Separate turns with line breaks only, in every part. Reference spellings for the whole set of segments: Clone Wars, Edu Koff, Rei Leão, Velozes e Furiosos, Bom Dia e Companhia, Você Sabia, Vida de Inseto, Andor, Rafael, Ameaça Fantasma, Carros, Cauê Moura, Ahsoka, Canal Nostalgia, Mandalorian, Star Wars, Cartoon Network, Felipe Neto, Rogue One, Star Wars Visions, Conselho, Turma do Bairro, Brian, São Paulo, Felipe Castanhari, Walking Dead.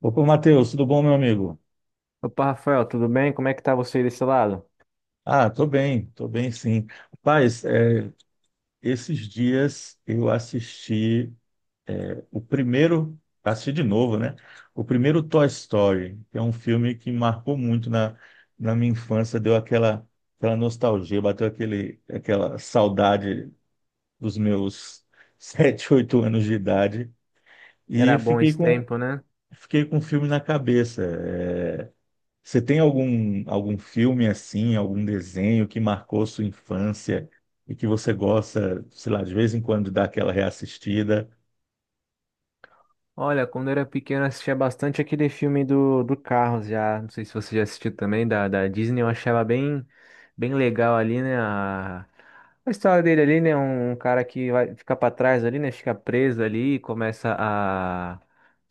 Opa, Matheus, tudo bom, meu amigo?
Opa, Rafael, tudo bem? Como é que tá você desse lado?
Ah, tô bem sim. Rapaz, esses dias eu assisti o primeiro, assisti de novo, né? O primeiro Toy Story, que é um filme que marcou muito na minha infância, deu aquela nostalgia, bateu aquela saudade dos meus 7, 8 anos de idade e
Era bom esse tempo, né?
fiquei com o filme na cabeça. Você tem algum filme assim, algum desenho que marcou sua infância e que você gosta, sei lá, de vez em quando dá aquela reassistida?
Olha, quando eu era pequeno eu assistia bastante aquele filme do Carros já. Não sei se você já assistiu também, da Disney. Eu achava bem, bem legal ali, né? A história dele ali, né? Um cara que vai ficar pra trás ali, né? Fica preso ali e começa a,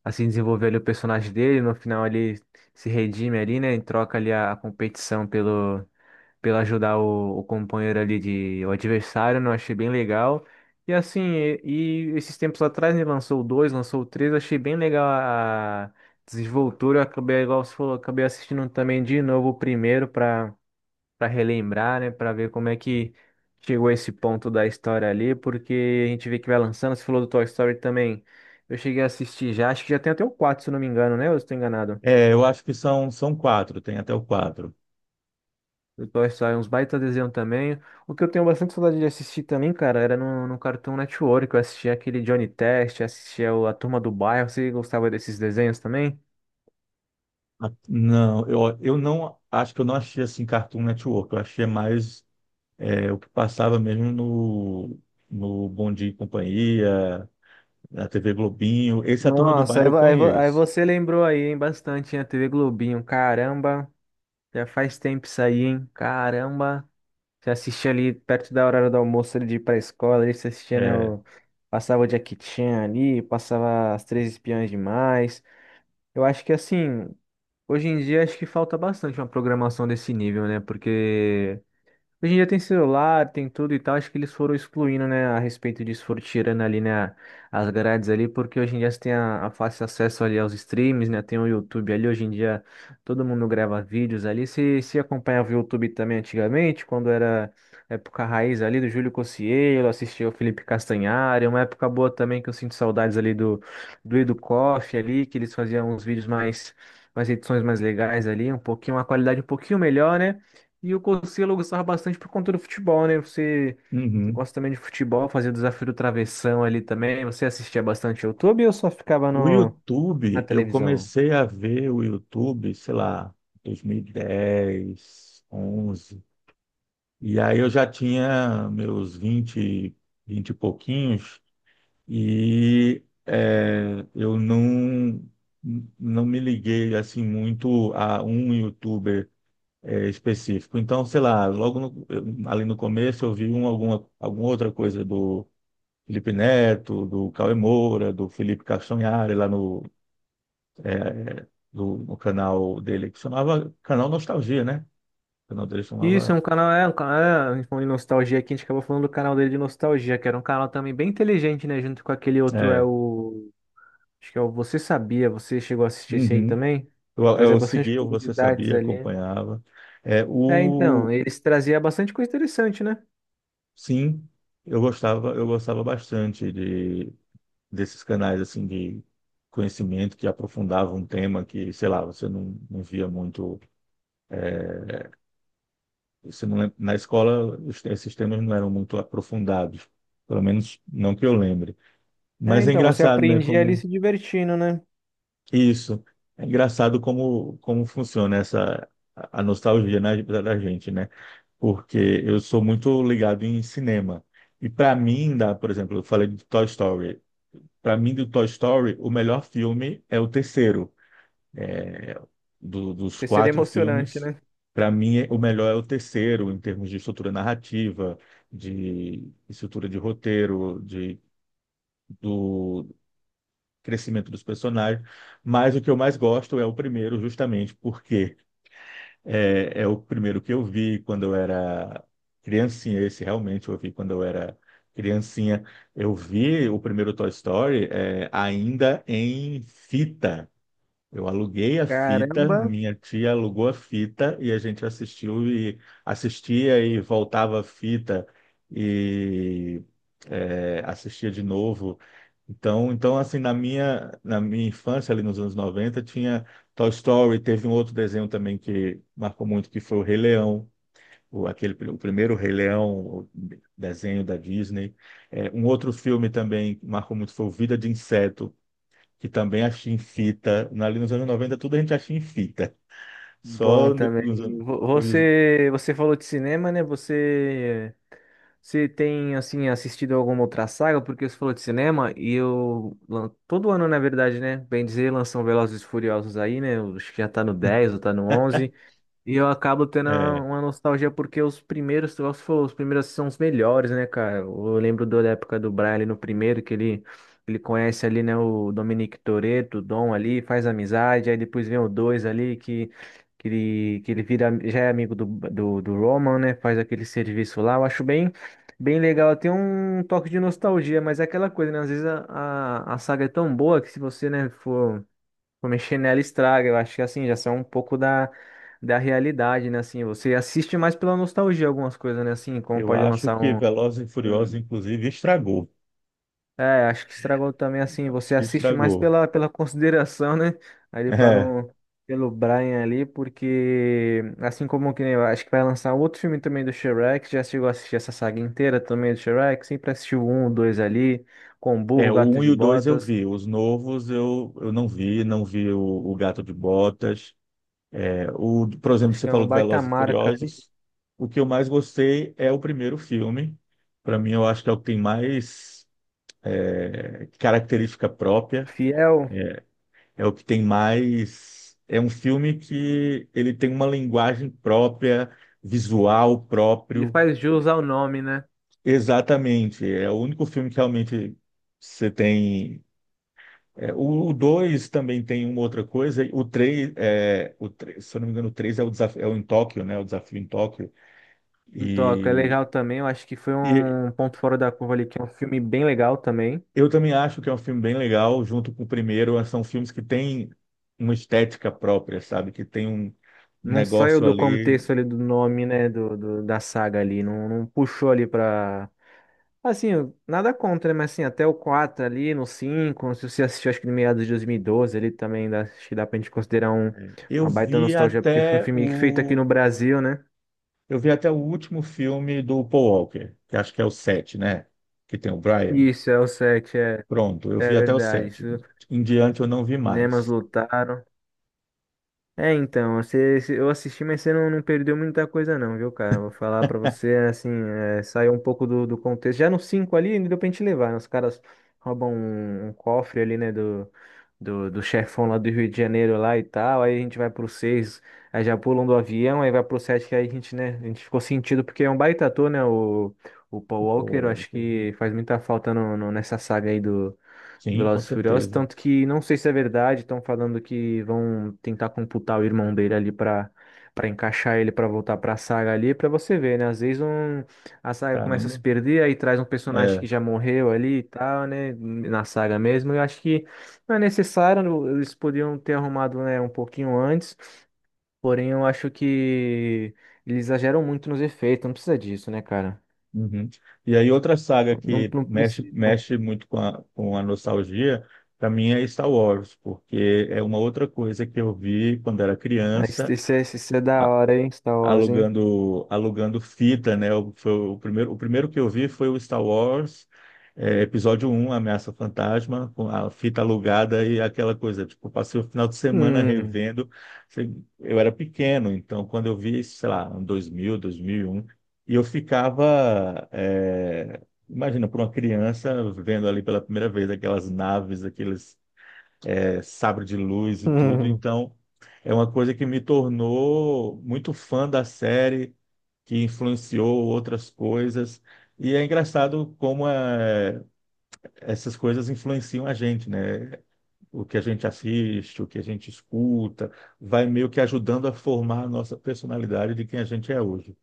a se desenvolver ali o personagem dele. No final ele se redime ali, né? Em troca ali a competição pelo ajudar o companheiro ali de o adversário, né? Eu achei bem legal. E assim, e esses tempos atrás, né, lançou o 2, lançou o 3, achei bem legal a desenvoltura. Eu acabei, igual você falou, acabei assistindo também de novo o primeiro para relembrar, né, para ver como é que chegou a esse ponto da história ali, porque a gente vê que vai lançando, você falou do Toy Story também. Eu cheguei a assistir já, acho que já tem até o 4 se eu não me engano, né? Ou eu estou enganado?
É, eu acho que são quatro, tem até o quatro.
Depois sai uns baita desenho também. O que eu tenho bastante saudade de assistir também, cara, era no Cartoon Network. Eu assistia aquele Johnny Test, assistia a Turma do Bairro. Você gostava desses desenhos também?
Ah, não, eu não acho que eu não achei assim Cartoon Network, eu achei mais, o que passava mesmo no Bom Dia e Companhia, na TV Globinho. Esse A Turma do
Nossa,
Bairro
aí,
eu
aí
conheço.
você lembrou aí, hein, bastante, hein, a TV Globinho. Caramba, já faz tempo isso aí, hein? Caramba. Você assistia ali perto da hora do almoço ali de ir pra escola, ali você assistia, né,
É,
passava o Jackie Chan ali, passava as Três Espiãs Demais. Eu acho que assim. Hoje em dia acho que falta bastante uma programação desse nível, né? Porque, hoje em dia tem celular, tem tudo e tal. Acho que eles foram excluindo, né, a respeito disso, foram tirando ali, né, as grades ali, porque hoje em dia você tem a fácil acesso ali aos streams, né, tem o YouTube ali. Hoje em dia todo mundo grava vídeos ali. Se acompanhava o YouTube também antigamente, quando era época raiz ali do Júlio Cocielo, assistia o Felipe Castanhari, uma época boa também que eu sinto saudades ali do, do Edu Koff ali, que eles faziam uns vídeos mais, mais edições mais legais ali, um pouquinho, uma qualidade um pouquinho melhor, né? E o Conselho eu gostava bastante por conta do futebol, né? Você, você
uhum.
gosta também de futebol, fazia o desafio do travessão ali também. Você assistia bastante YouTube ou só ficava
O
no, na
YouTube, eu
televisão?
comecei a ver o YouTube, sei lá, 2010, 11. E 10, 11. E aí eu já tinha meus vinte e pouquinhos, e eu não me liguei assim muito a um YouTuber específico. Então, sei lá, logo no- eu- ali no começo eu vi alguma outra coisa do Felipe Neto, do Cauê Moura, do Felipe Castanhari lá no é, do, no canal dele, que chamava Canal Nostalgia, né? O canal dele
Isso, é
chamava.
um canal, é um canal, é, a gente falou de nostalgia aqui, a gente acabou falando do canal dele de nostalgia, que era um canal também bem inteligente, né? Junto com aquele outro, é
É,
o. Acho que é o Você Sabia, você chegou a assistir esse aí
uhum.
também?
Eu,
Trazia
eu
bastante
seguia, você
curiosidades
sabia,
ali.
acompanhava. É,
É, então,
o,
eles traziam bastante coisa interessante, né?
sim, eu gostava bastante desses canais assim de conhecimento que aprofundavam um tema que, sei lá, você não via muito. é, você não lem- Na escola, esses temas não eram muito aprofundados, pelo menos não que eu lembre.
É,
Mas é
então, você
engraçado, né?
aprendia ali
Como
se divertindo, né?
Isso. É engraçado como funciona essa a nostalgia da gente, né? Porque eu sou muito ligado em cinema. E para mim, por exemplo, eu falei de Toy Story. Para mim, do Toy Story, o melhor filme é o terceiro. Dos
Terceiro
quatro
emocionante,
filmes,
né?
para mim, o melhor é o terceiro, em termos de estrutura narrativa, de estrutura de roteiro, do crescimento dos personagens. Mas o que eu mais gosto é o primeiro, justamente porque é o primeiro que eu vi quando eu era criancinha. Esse realmente eu vi quando eu era criancinha. Eu vi o primeiro Toy Story, ainda em fita. Eu aluguei a fita,
Caramba,
minha tia alugou a fita e a gente assistiu e assistia e voltava a fita e assistia de novo. Então assim, na minha infância, ali nos anos 90 tinha Toy Story, teve um outro desenho também que marcou muito, que foi o Rei Leão, o primeiro Rei Leão, o desenho da Disney. Um outro filme também que marcou muito foi o Vida de Inseto, que também achei em fita. Ali nos anos 90, tudo a gente achei em fita.
bom
Só no-
também.
nos anos. Hoje-
Você, você falou de cinema, né? Você, você tem assim assistido alguma outra saga? Porque você falou de cinema e eu todo ano, na verdade, né? Bem dizer, lançam Velozes e Furiosos aí, né? Acho que já tá no 10 ou tá no 11. E eu acabo tendo
é,
uma nostalgia porque os primeiros, se você for, os primeiros são os melhores, né, cara? Eu lembro da época do Brian ali no primeiro, que ele conhece ali, né, o Dominic Toretto, o Dom ali, faz amizade, aí depois vem o dois ali, que ele vira, já é amigo do Roman, né, faz aquele serviço lá. Eu acho bem, bem legal, tem um toque de nostalgia, mas é aquela coisa, né, às vezes a saga é tão boa que se você, né, for comer chinelo estraga, eu acho que assim, já são um pouco da, da realidade, né? Assim, você assiste mais pela nostalgia algumas coisas, né? Assim, como
eu
pode
acho
lançar
que
um.
Velozes e Furiosos,
Hum.
inclusive, estragou.
É, acho que estragou também assim,
Acho
você
que
assiste mais
estragou.
pela, pela consideração, né? Ali para
É,
não. Pelo Brian ali, porque assim como que nem eu acho que vai lançar outro filme também do Shrek, já chegou a assistir essa saga inteira também do Shrek, sempre assistiu o um, o dois ali, com o
é,
burro,
o
gato
1 e
de
o 2 eu
botas.
vi. Os novos eu não vi. Não vi o Gato de Botas. Por exemplo,
Acho que
você
é
falou
um
de
baita
Velozes e
marca ali.
Furiosos. O que eu mais gostei é o primeiro filme. Para mim, eu acho que é o que tem mais, característica própria.
Fiel,
É o que tem mais. É um filme que ele tem uma linguagem própria, visual
ele
próprio.
faz jus ao nome, né?
Exatamente. É o único filme que realmente você tem. O 2 também tem uma outra coisa. O 3 é, o três- se eu não me engano, o 3 é o desafio, é o em Tóquio, né? O desafio em Tóquio.
Em Tóquio é
E,
legal também, eu acho que foi
e
um ponto fora da curva ali, que é um filme bem legal também.
eu também acho que é um filme bem legal, junto com o primeiro. São filmes que têm uma estética própria, sabe? Que tem um
Não saiu
negócio
do
ali.
contexto ali do nome, né, da saga ali, não, não puxou ali pra... Assim, nada contra, né, mas assim, até o 4 ali, no 5 se você assistiu acho que no meados de 2012 ali também, dá, acho que dá pra gente considerar um,
Eu
uma baita
vi
nostalgia, porque foi um
até
filme feito aqui
o,
no Brasil, né?
eu vi até o último filme do Paul Walker, que acho que é o 7, né? Que tem o Brian.
Isso, é o 7, é,
Pronto, eu vi
é
até o
verdade, isso,
7. Em diante eu não vi
cinemas
mais.
lotaram. É, então, você, eu assisti, mas você não, não perdeu muita coisa não, viu, cara? Vou falar pra você, assim, é, saiu um pouco do contexto. Já no 5 ali, ainda deu pra gente levar, né? Os caras roubam um, um cofre ali, né, do chefão lá do Rio de Janeiro lá e tal, aí a gente vai pro 6, aí já pulam do avião, aí vai pro 7. Que aí a gente, né, a gente ficou sentido, porque é um baita ator, né, o Paul
O
Walker, eu
Paul
acho
Walker.
que faz muita falta nessa saga aí
Sim, com
Velozes e Furiosos,
certeza.
tanto que não sei se é verdade, estão falando que vão tentar computar o irmão dele ali pra para encaixar ele pra voltar pra saga ali, pra você ver, né? Às vezes um, a saga começa a se
Caramba.
perder, aí traz um personagem que
É.
já morreu ali e tal, né? Na saga mesmo. Eu acho que não é necessário, eles podiam ter arrumado, né, um pouquinho antes, porém eu acho que eles exageram muito nos efeitos, não precisa disso, né, cara?
Uhum. E aí outra saga
Não,
que
não
mexe,
precisa.
mexe muito com a nostalgia, para mim é Star Wars, porque é uma outra coisa que eu vi quando era
Mas isso,
criança.
isso é da hora, hein? Star Wars, hein?
Alugando fita, né? O primeiro que eu vi foi o Star Wars, episódio 1, Ameaça Fantasma, com a fita alugada e aquela coisa. Tipo, eu passei o final de semana
Hum.
revendo. Sei- Eu era pequeno, então quando eu vi, sei lá, em 2000, 2001, e um, e eu ficava, imagina, por uma criança vendo ali pela primeira vez aquelas naves, aqueles sabre de luz e tudo.
Hum,
Então, é uma coisa que me tornou muito fã da série, que influenciou outras coisas. E é engraçado como essas coisas influenciam a gente, né? O que a gente assiste, o que a gente escuta, vai meio que ajudando a formar a nossa personalidade de quem a gente é hoje.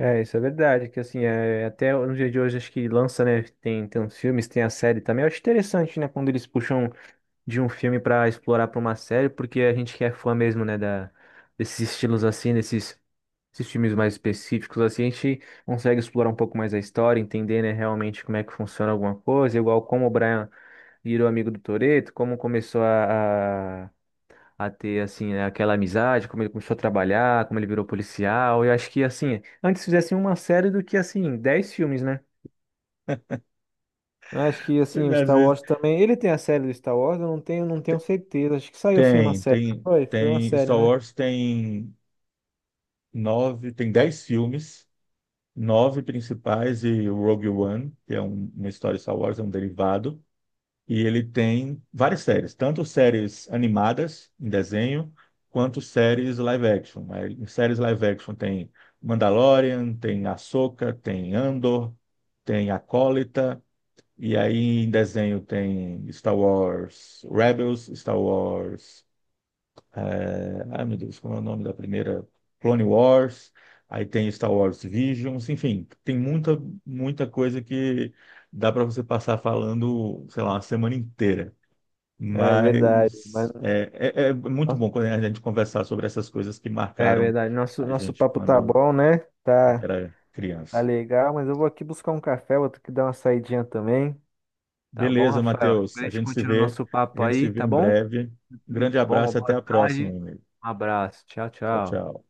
é, isso é verdade, que assim, é, até no dia de hoje acho que lança, né, tem, tem uns filmes, tem a série também, eu acho interessante, né, quando eles puxam de um filme pra explorar pra uma série, porque a gente que é fã mesmo, né, da, desses estilos assim, desses esses filmes mais específicos assim, a gente consegue explorar um pouco mais a história, entender, né, realmente como é que funciona alguma coisa, igual como o Brian virou amigo do Toreto como começou a ter, assim, né, aquela amizade, como ele começou a trabalhar, como ele virou policial. Eu acho que, assim, antes fizessem uma série do que, assim, 10 filmes, né? Eu acho que, assim,
Mas,
o
às
Star
vezes
Wars também. Ele tem a série do Star Wars, eu não tenho, não tenho certeza. Acho que saiu sim uma
tem,
série. Não foi, foi uma série,
Star
né?
Wars tem nove, tem 10 filmes. Nove principais e o Rogue One, que é uma história de Star Wars, é um derivado. E ele tem várias séries, tanto séries animadas em desenho, quanto séries live action. Aí, em séries live action tem Mandalorian, tem Ahsoka, tem Andor, tem Acólita, e aí em desenho tem Star Wars Rebels, Star Wars, ai meu Deus, como é o nome da primeira? Clone Wars, aí tem Star Wars Visions, enfim, tem muita, muita coisa que dá para você passar falando, sei lá, uma semana inteira.
É verdade. Mas,
Mas é muito bom quando a gente conversar sobre essas coisas que
é
marcaram
verdade. Nosso,
a
nosso
gente
papo tá
quando
bom, né?
a gente
Tá,
era
tá
criança.
legal, mas eu vou aqui buscar um café, vou ter que dar uma saidinha também. Tá bom,
Beleza,
Rafael?
Matheus,
Depois a gente continua o nosso
a
papo
gente se
aí,
vê
tá
em
bom?
breve. Um
Tudo
grande
de bom, uma
abraço e até
boa
a próxima,
tarde.
meu amigo.
Um abraço. Tchau,
Tchau,
tchau.
tchau.